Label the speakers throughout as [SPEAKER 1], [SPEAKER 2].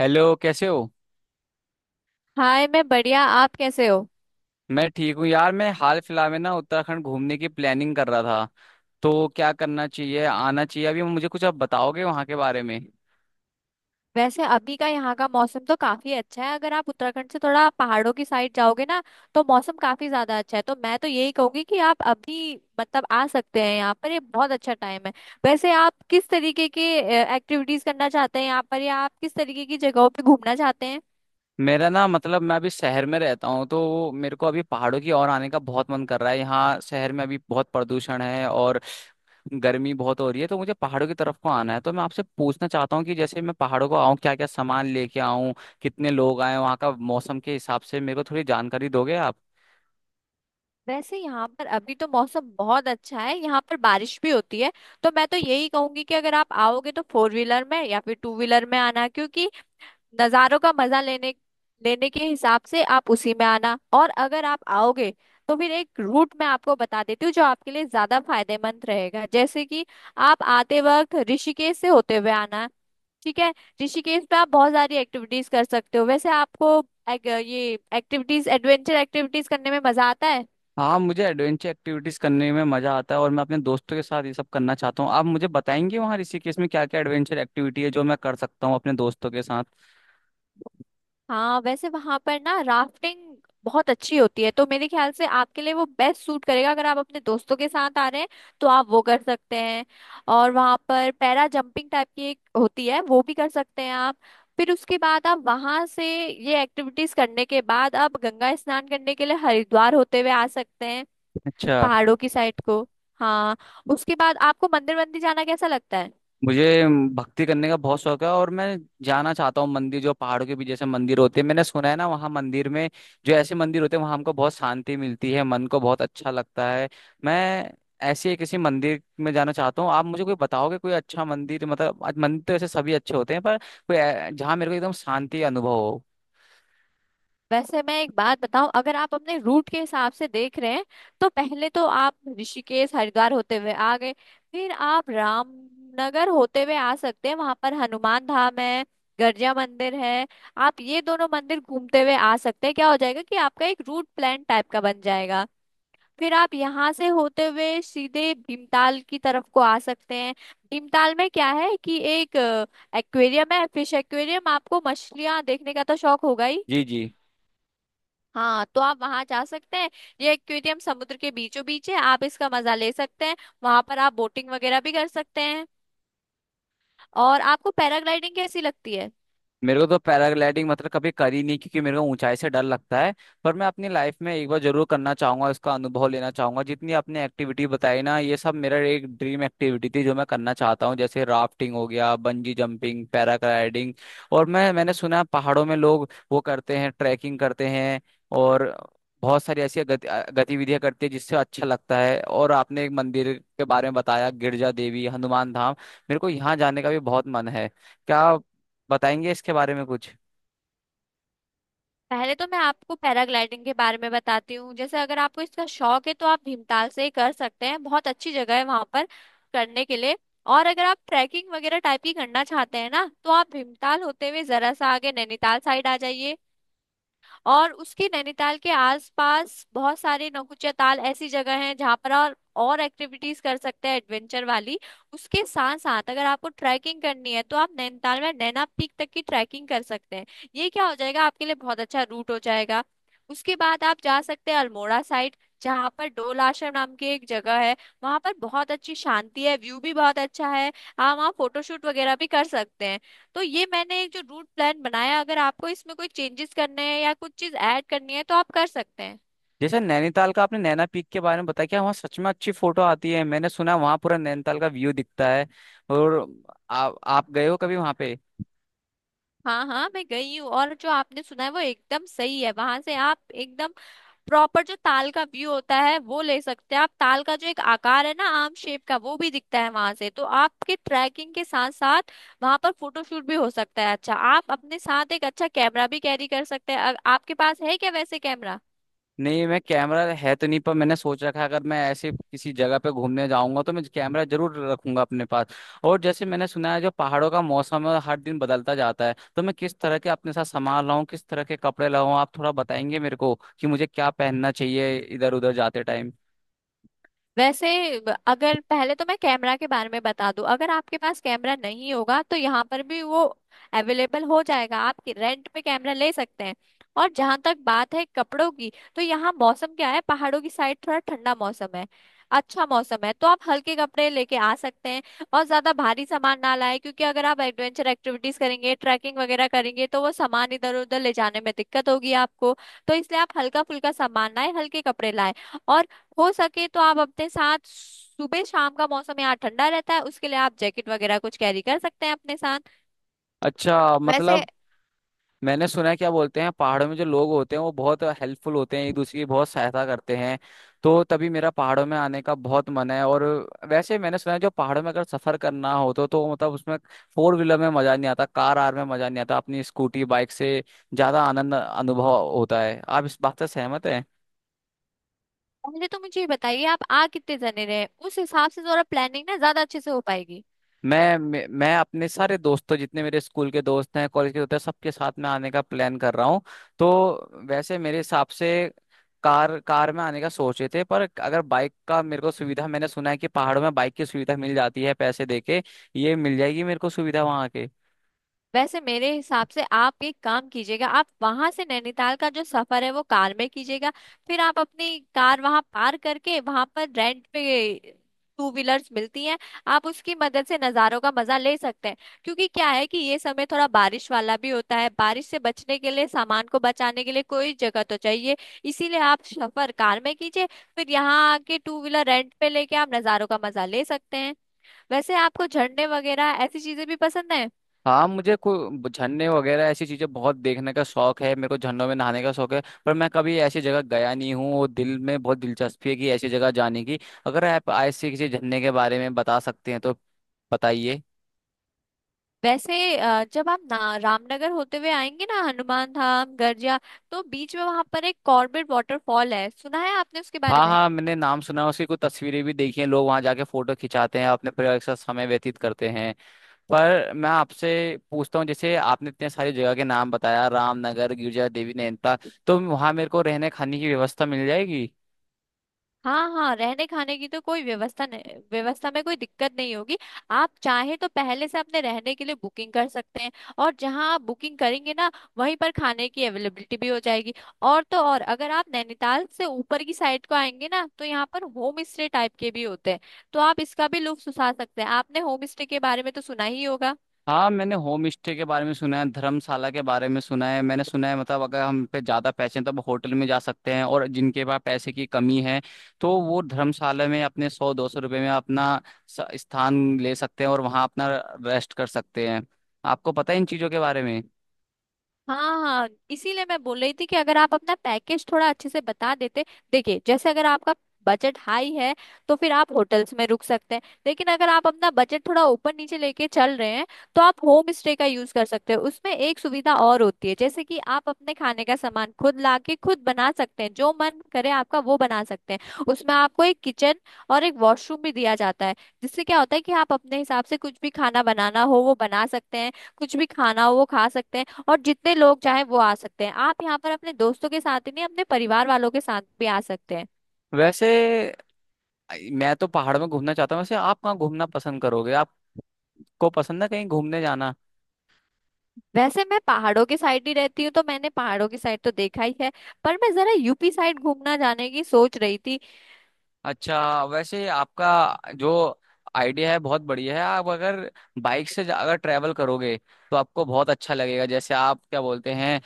[SPEAKER 1] Hello कैसे हो।
[SPEAKER 2] Hi, मैं बढ़िया। आप कैसे हो?
[SPEAKER 1] मैं ठीक हूँ यार। मैं हाल फिलहाल में ना उत्तराखंड घूमने की प्लानिंग कर रहा था तो क्या करना चाहिए, आना चाहिए अभी मुझे? कुछ आप बताओगे वहाँ के बारे में।
[SPEAKER 2] वैसे अभी का यहाँ का मौसम तो काफी अच्छा है। अगर आप उत्तराखंड से थोड़ा पहाड़ों की साइड जाओगे ना, तो मौसम काफी ज्यादा अच्छा है। तो मैं तो यही कहूंगी कि आप अभी मतलब आ सकते हैं यहाँ पर। ये बहुत अच्छा टाइम है। वैसे आप किस तरीके की एक्टिविटीज करना चाहते हैं यहाँ पर, या आप किस तरीके की जगहों पे घूमना चाहते हैं?
[SPEAKER 1] मेरा ना मतलब मैं अभी शहर में रहता हूँ तो मेरे को अभी पहाड़ों की ओर आने का बहुत मन कर रहा है। यहाँ शहर में अभी बहुत प्रदूषण है और गर्मी बहुत हो रही है तो मुझे पहाड़ों की तरफ को आना है। तो मैं आपसे पूछना चाहता हूँ कि जैसे मैं पहाड़ों को आऊँ, क्या क्या सामान लेके आऊँ, कितने लोग आए, वहाँ का मौसम के हिसाब से मेरे को थोड़ी जानकारी दोगे आप?
[SPEAKER 2] वैसे यहाँ पर अभी तो मौसम बहुत अच्छा है। यहाँ पर बारिश भी होती है। तो मैं तो यही कहूंगी कि अगर आप आओगे तो फोर व्हीलर में या फिर टू व्हीलर में आना, क्योंकि नज़ारों का मजा लेने लेने के हिसाब से आप उसी में आना। और अगर आप आओगे, तो फिर एक रूट मैं आपको बता देती हूँ जो आपके लिए ज्यादा फायदेमंद रहेगा। जैसे कि आप आते वक्त ऋषिकेश से होते हुए आना, ठीक है? ऋषिकेश में आप बहुत सारी एक्टिविटीज कर सकते हो। वैसे आपको ये एक्टिविटीज, एडवेंचर एक्टिविटीज करने में मजा आता है?
[SPEAKER 1] हाँ, मुझे एडवेंचर एक्टिविटीज करने में मजा आता है और मैं अपने दोस्तों के साथ ये सब करना चाहता हूँ। आप मुझे बताएंगे वहाँ ऋषिकेश में क्या क्या एडवेंचर एक्टिविटी है जो मैं कर सकता हूँ अपने दोस्तों के साथ?
[SPEAKER 2] हाँ, वैसे वहां पर ना राफ्टिंग बहुत अच्छी होती है, तो मेरे ख्याल से आपके लिए वो बेस्ट सूट करेगा। अगर आप अपने दोस्तों के साथ आ रहे हैं, तो आप वो कर सकते हैं। और वहां पर पैरा जंपिंग टाइप की एक होती है, वो भी कर सकते हैं आप। फिर उसके बाद आप वहां से ये एक्टिविटीज करने के बाद आप गंगा स्नान करने के लिए हरिद्वार होते हुए आ सकते हैं।
[SPEAKER 1] अच्छा।
[SPEAKER 2] पहाड़ों की साइड को। हाँ, उसके बाद आपको मंदिर मंदिर जाना कैसा लगता है?
[SPEAKER 1] मुझे भक्ति करने का बहुत शौक है और मैं जाना चाहता हूँ मंदिर, जो पहाड़ों के बीच जैसे मंदिर होते हैं, मैंने सुना है ना वहाँ मंदिर में, जो ऐसे मंदिर होते हैं वहाँ हमको बहुत शांति मिलती है, मन को बहुत अच्छा लगता है। मैं ऐसे ही किसी मंदिर में जाना चाहता हूँ। आप मुझे कोई बताओगे कोई अच्छा मंदिर? मतलब आज मंदिर तो ऐसे सभी अच्छे होते हैं पर कोई जहाँ मेरे को एकदम शांति अनुभव हो।
[SPEAKER 2] वैसे मैं एक बात बताऊं, अगर आप अपने रूट के हिसाब से देख रहे हैं, तो पहले तो आप ऋषिकेश हरिद्वार होते हुए आ गए। फिर आप रामनगर होते हुए आ सकते हैं। वहां पर हनुमान धाम है, गर्जिया मंदिर है। आप ये दोनों मंदिर घूमते हुए आ सकते हैं। क्या हो जाएगा कि आपका एक रूट प्लान टाइप का बन जाएगा। फिर आप यहाँ से होते हुए सीधे भीमताल की तरफ को आ सकते हैं। भीमताल में क्या है कि एक एक्वेरियम है, फिश एक्वेरियम। आपको मछलियां देखने का तो शौक होगा ही।
[SPEAKER 1] जी जी।
[SPEAKER 2] हाँ, तो आप वहां जा सकते हैं। ये एक्वेरियम समुद्र के बीचों बीच है, आप इसका मजा ले सकते हैं। वहां पर आप बोटिंग वगैरह भी कर सकते हैं। और आपको पैराग्लाइडिंग कैसी लगती है?
[SPEAKER 1] मेरे को तो पैराग्लाइडिंग मतलब कभी करी नहीं क्योंकि मेरे को ऊंचाई से डर लगता है। पर मैं अपनी लाइफ में एक बार जरूर करना चाहूंगा, इसका अनुभव लेना चाहूंगा। जितनी आपने एक्टिविटी बताई ना, ये सब मेरा एक ड्रीम एक्टिविटी थी जो मैं करना चाहता हूँ, जैसे राफ्टिंग हो गया, बंजी जंपिंग, पैराग्लाइडिंग। और मैंने सुना है पहाड़ों में लोग वो करते हैं, ट्रैकिंग करते हैं और बहुत सारी ऐसी गतिविधियां करती है जिससे अच्छा लगता है। और आपने एक मंदिर के बारे में बताया, गिरजा देवी, हनुमान धाम, मेरे को यहाँ जाने का भी बहुत मन है। क्या बताएंगे इसके बारे में कुछ?
[SPEAKER 2] पहले तो मैं आपको पैराग्लाइडिंग के बारे में बताती हूँ। जैसे अगर आपको इसका शौक है तो आप भीमताल से ही कर सकते हैं। बहुत अच्छी जगह है वहां पर करने के लिए। और अगर आप ट्रैकिंग वगैरह टाइप की करना चाहते हैं ना, तो आप भीमताल होते हुए जरा सा आगे नैनीताल साइड आ जाइए। और उसके नैनीताल के आसपास बहुत सारे नौकुचिया ताल ऐसी जगह हैं जहाँ पर और एक्टिविटीज कर सकते हैं एडवेंचर वाली। उसके साथ साथ अगर आपको ट्रैकिंग करनी है, तो आप नैनीताल में नैना पीक तक की ट्रैकिंग कर सकते हैं। ये क्या हो जाएगा, आपके लिए बहुत अच्छा रूट हो जाएगा। उसके बाद आप जा सकते हैं अल्मोड़ा साइड, जहाँ पर डोल आश्रम नाम की एक जगह है। वहां पर बहुत अच्छी शांति है, व्यू भी बहुत अच्छा है। आप वहाँ फोटोशूट वगैरह भी कर सकते हैं। तो ये मैंने एक जो रूट प्लान बनाया, अगर आपको इसमें कोई चेंजेस करने हैं या कुछ चीज ऐड करनी है तो आप कर सकते हैं।
[SPEAKER 1] जैसे नैनीताल का आपने नैना पीक के बारे में बताया, क्या वहाँ सच में अच्छी फोटो आती है? मैंने सुना है वहाँ पूरा नैनीताल का व्यू दिखता है। और आप गए हो कभी वहाँ पे?
[SPEAKER 2] हाँ हाँ, मैं गई हूँ, और जो आपने सुना है वो एकदम सही है। वहां से आप एकदम प्रॉपर जो ताल का व्यू होता है वो ले सकते हैं। आप ताल का जो एक आकार है ना, आम शेप का, वो भी दिखता है वहां से। तो आपके ट्रैकिंग के साथ साथ वहां पर फोटोशूट भी हो सकता है। अच्छा, आप अपने साथ एक अच्छा कैमरा भी कैरी कर सकते हैं। आपके पास है क्या वैसे कैमरा?
[SPEAKER 1] नहीं, मैं कैमरा है तो नहीं पर मैंने सोच रखा है अगर मैं ऐसे किसी जगह पे घूमने जाऊंगा तो मैं कैमरा जरूर रखूंगा अपने पास। और जैसे मैंने सुना है जो पहाड़ों का मौसम है हर दिन बदलता जाता है, तो मैं किस तरह के अपने साथ सामान लाऊं, किस तरह के कपड़े लाऊं? आप थोड़ा बताएंगे मेरे को कि मुझे क्या पहनना चाहिए इधर उधर जाते टाइम?
[SPEAKER 2] वैसे अगर, पहले तो मैं कैमरा के बारे में बता दूं, अगर आपके पास कैमरा नहीं होगा तो यहाँ पर भी वो अवेलेबल हो जाएगा। आप रेंट पे कैमरा ले सकते हैं। और जहां तक बात है कपड़ों की, तो यहाँ मौसम क्या है, पहाड़ों की साइड थोड़ा ठंडा मौसम है, अच्छा मौसम है। तो आप हल्के कपड़े लेके आ सकते हैं। और ज्यादा भारी सामान ना लाए, क्योंकि अगर आप एडवेंचर एक्टिविटीज करेंगे, ट्रैकिंग वगैरह करेंगे, तो वो सामान इधर उधर ले जाने में दिक्कत होगी आपको। तो इसलिए आप हल्का फुल्का सामान लाए, हल्के कपड़े लाए। हो सके तो आप अपने साथ, सुबह शाम का मौसम यहाँ ठंडा रहता है, उसके लिए आप जैकेट वगैरह कुछ कैरी कर सकते हैं अपने साथ।
[SPEAKER 1] अच्छा,
[SPEAKER 2] वैसे
[SPEAKER 1] मतलब मैंने सुना है, क्या बोलते हैं, पहाड़ों में जो लोग होते हैं वो बहुत हेल्पफुल होते हैं, एक दूसरे की बहुत सहायता करते हैं, तो तभी मेरा पहाड़ों में आने का बहुत मन है। और वैसे मैंने सुना है जो पहाड़ों में अगर सफर करना हो तो मतलब उसमें फोर व्हीलर में मजा नहीं आता, कार आर में मजा नहीं आता, अपनी स्कूटी बाइक से ज्यादा आनंद अनुभव होता है। आप इस बात से सहमत हैं?
[SPEAKER 2] पहले तो मुझे ये बताइए, आप आ कितने जने रहे हैं? उस हिसाब से जरा प्लानिंग ना ज्यादा अच्छे से हो पाएगी।
[SPEAKER 1] मैं अपने सारे दोस्तों, जितने मेरे स्कूल के दोस्त हैं, कॉलेज के दोस्त हैं, सबके साथ मैं आने का प्लान कर रहा हूँ। तो वैसे मेरे हिसाब से कार कार में आने का सोचे थे पर अगर बाइक का मेरे को सुविधा, मैंने सुना है कि पहाड़ों में बाइक की सुविधा मिल जाती है पैसे देके, ये मिल जाएगी मेरे को सुविधा वहां के?
[SPEAKER 2] वैसे मेरे हिसाब से आप एक काम कीजिएगा, आप वहां से नैनीताल का जो सफर है वो कार में कीजिएगा। फिर आप अपनी कार वहां पार करके, वहां पर रेंट पे टू व्हीलर्स मिलती हैं, आप उसकी मदद से नज़ारों का मजा ले सकते हैं। क्योंकि क्या है कि ये समय थोड़ा बारिश वाला भी होता है, बारिश से बचने के लिए, सामान को बचाने के लिए कोई जगह तो चाहिए। इसीलिए आप सफर कार में कीजिए। फिर यहाँ आके टू व्हीलर रेंट पे लेके आप नज़ारों का मजा ले सकते हैं। वैसे आपको झरने वगैरह ऐसी चीजें भी पसंद है?
[SPEAKER 1] हाँ, मुझे कोई झरने वगैरह ऐसी चीजें बहुत देखने का शौक है, मेरे को झरनों में नहाने का शौक है पर मैं कभी ऐसी जगह गया नहीं हूँ और दिल में बहुत दिलचस्पी है कि ऐसी जगह जाने की। अगर आप ऐसे किसी झरने के बारे में बता सकते हैं तो बताइए।
[SPEAKER 2] वैसे जब आप ना रामनगर होते हुए आएंगे ना, हनुमान धाम गर्जिया, तो बीच में वहां पर एक कॉर्बेट वाटरफॉल है। सुना है आपने उसके बारे
[SPEAKER 1] हाँ
[SPEAKER 2] में?
[SPEAKER 1] हाँ, मैंने नाम सुना है, उसकी कुछ तस्वीरें भी देखी हैं, लोग वहां जाके फोटो खिंचाते हैं, अपने परिवार के साथ समय व्यतीत करते हैं। पर मैं आपसे पूछता हूँ, जैसे आपने इतने सारी जगह के नाम बताया, रामनगर, गिरजा देवी, नैनीताल, तो वहां मेरे को रहने खाने की व्यवस्था मिल जाएगी?
[SPEAKER 2] हाँ हाँ, रहने खाने की तो कोई व्यवस्था नहीं, व्यवस्था में कोई दिक्कत नहीं होगी। आप चाहे तो पहले से अपने रहने के लिए बुकिंग कर सकते हैं। और जहाँ आप बुकिंग करेंगे ना, वहीं पर खाने की अवेलेबिलिटी भी हो जाएगी। और तो और, अगर आप नैनीताल से ऊपर की साइड को आएंगे ना, तो यहाँ पर होम स्टे टाइप के भी होते हैं। तो आप इसका भी लुत्फ उठा सकते हैं। आपने होम स्टे के बारे में तो सुना ही होगा।
[SPEAKER 1] हाँ, मैंने होम स्टे के बारे में सुना है, धर्मशाला के बारे में सुना है। मैंने सुना है मतलब अगर हम पे ज्यादा पैसे हैं तो हम होटल में जा सकते हैं और जिनके पास पैसे की कमी है तो वो धर्मशाला में अपने 100-200 रुपये में अपना स्थान ले सकते हैं और वहाँ अपना रेस्ट कर सकते हैं। आपको पता है इन चीजों के बारे में?
[SPEAKER 2] हाँ हाँ, इसीलिए मैं बोल रही थी कि अगर आप अपना पैकेज थोड़ा अच्छे से बता देते। देखिए, जैसे अगर आपका बजट हाई है, तो फिर आप होटल्स में रुक सकते हैं। लेकिन अगर आप अपना बजट थोड़ा ऊपर नीचे लेके चल रहे हैं, तो आप होम स्टे का यूज कर सकते हैं। उसमें एक सुविधा और होती है, जैसे कि आप अपने खाने का सामान खुद लाके खुद बना सकते हैं। जो मन करे आपका वो बना सकते हैं। उसमें आपको एक किचन और एक वॉशरूम भी दिया जाता है, जिससे क्या होता है कि आप अपने हिसाब से कुछ भी खाना बनाना हो वो बना सकते हैं, कुछ भी खाना हो वो खा सकते हैं। और जितने लोग चाहे वो आ सकते हैं। आप यहाँ पर अपने दोस्तों के साथ ही नहीं, अपने परिवार वालों के साथ भी आ सकते हैं।
[SPEAKER 1] वैसे मैं तो पहाड़ में घूमना चाहता हूँ। वैसे आप कहाँ घूमना पसंद करोगे? आपको पसंद है कहीं घूमने जाना?
[SPEAKER 2] वैसे मैं पहाड़ों की साइड ही रहती हूँ, तो मैंने पहाड़ों की साइड तो देखा ही है। पर मैं जरा यूपी साइड घूमना जाने की सोच रही थी।
[SPEAKER 1] अच्छा। वैसे आपका जो आइडिया है बहुत बढ़िया है। आप अगर बाइक से अगर ट्रैवल करोगे तो आपको बहुत अच्छा लगेगा। जैसे आप क्या बोलते हैं,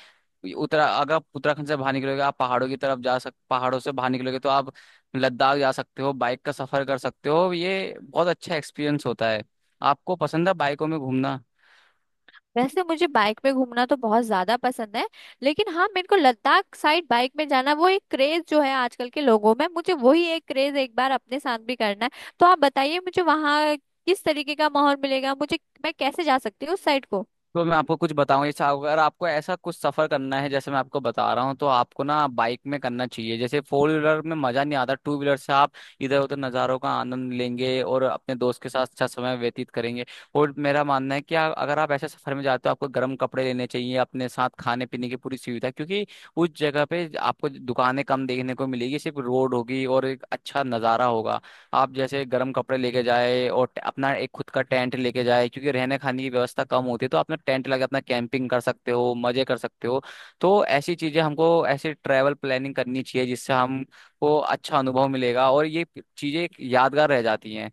[SPEAKER 1] उत्तरा अगर आप उत्तराखंड से बाहर निकलोगे, आप पहाड़ों की तरफ जा सक पहाड़ों से बाहर निकलोगे तो आप लद्दाख जा सकते हो, बाइक का सफर कर सकते हो, ये बहुत अच्छा एक्सपीरियंस होता है। आपको पसंद है बाइकों में घूमना?
[SPEAKER 2] वैसे मुझे बाइक में घूमना तो बहुत ज्यादा पसंद है। लेकिन हाँ, मेरे को लद्दाख साइड बाइक में जाना, वो एक क्रेज जो है आजकल के लोगों में, मुझे वही एक क्रेज एक बार अपने साथ भी करना है। तो आप बताइए मुझे, वहाँ किस तरीके का माहौल मिलेगा मुझे? मैं कैसे जा सकती हूँ उस साइड को?
[SPEAKER 1] तो मैं आपको कुछ बताऊं, जैसे अगर आपको ऐसा कुछ सफर करना है जैसे मैं आपको बता रहा हूँ तो आपको ना बाइक में करना चाहिए, जैसे फोर व्हीलर में मजा नहीं आता, टू व्हीलर से आप इधर उधर नज़ारों का आनंद लेंगे और अपने दोस्त के साथ अच्छा समय व्यतीत करेंगे। और मेरा मानना है कि अगर आप ऐसे सफर में जाते हो, आपको गर्म कपड़े लेने चाहिए अपने साथ, खाने पीने की पूरी सुविधा, क्योंकि उस जगह पे आपको दुकानें कम देखने को मिलेगी, सिर्फ रोड होगी और एक अच्छा नज़ारा होगा। आप जैसे गर्म कपड़े लेके जाए और अपना एक खुद का टेंट लेके जाए क्योंकि रहने खाने की व्यवस्था कम होती है, तो अपना टेंट लगा अपना कैंपिंग कर सकते हो, मजे कर सकते हो। तो ऐसी चीजें हमको, ऐसे ट्रैवल प्लानिंग करनी चाहिए जिससे हमको अच्छा अनुभव मिलेगा और ये चीजें एक यादगार रह जाती हैं।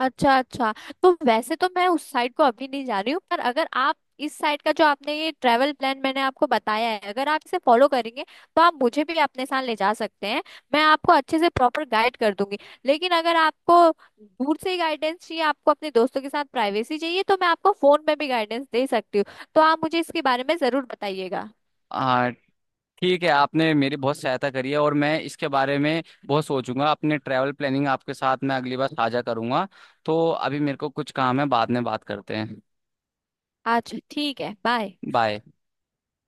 [SPEAKER 2] अच्छा अच्छा। तो वैसे तो मैं उस साइड को अभी नहीं जा रही हूँ, पर अगर आप इस साइड का जो आपने, ये ट्रैवल प्लान मैंने आपको बताया है, अगर आप इसे फॉलो करेंगे, तो आप मुझे भी अपने साथ ले जा सकते हैं। मैं आपको अच्छे से प्रॉपर गाइड कर दूंगी। लेकिन अगर आपको दूर से ही गाइडेंस चाहिए, आपको अपने दोस्तों के साथ प्राइवेसी चाहिए, तो मैं आपको फोन में भी गाइडेंस दे सकती हूँ। तो आप मुझे इसके बारे में जरूर बताइएगा।
[SPEAKER 1] हाँ ठीक है, आपने मेरी बहुत सहायता करी है और मैं इसके बारे में बहुत सोचूंगा। अपने ट्रैवल प्लानिंग आपके साथ मैं अगली बार साझा करूंगा। तो अभी मेरे को कुछ काम है, बाद में बात करते हैं।
[SPEAKER 2] अच्छा, ठीक है, बाय।
[SPEAKER 1] बाय।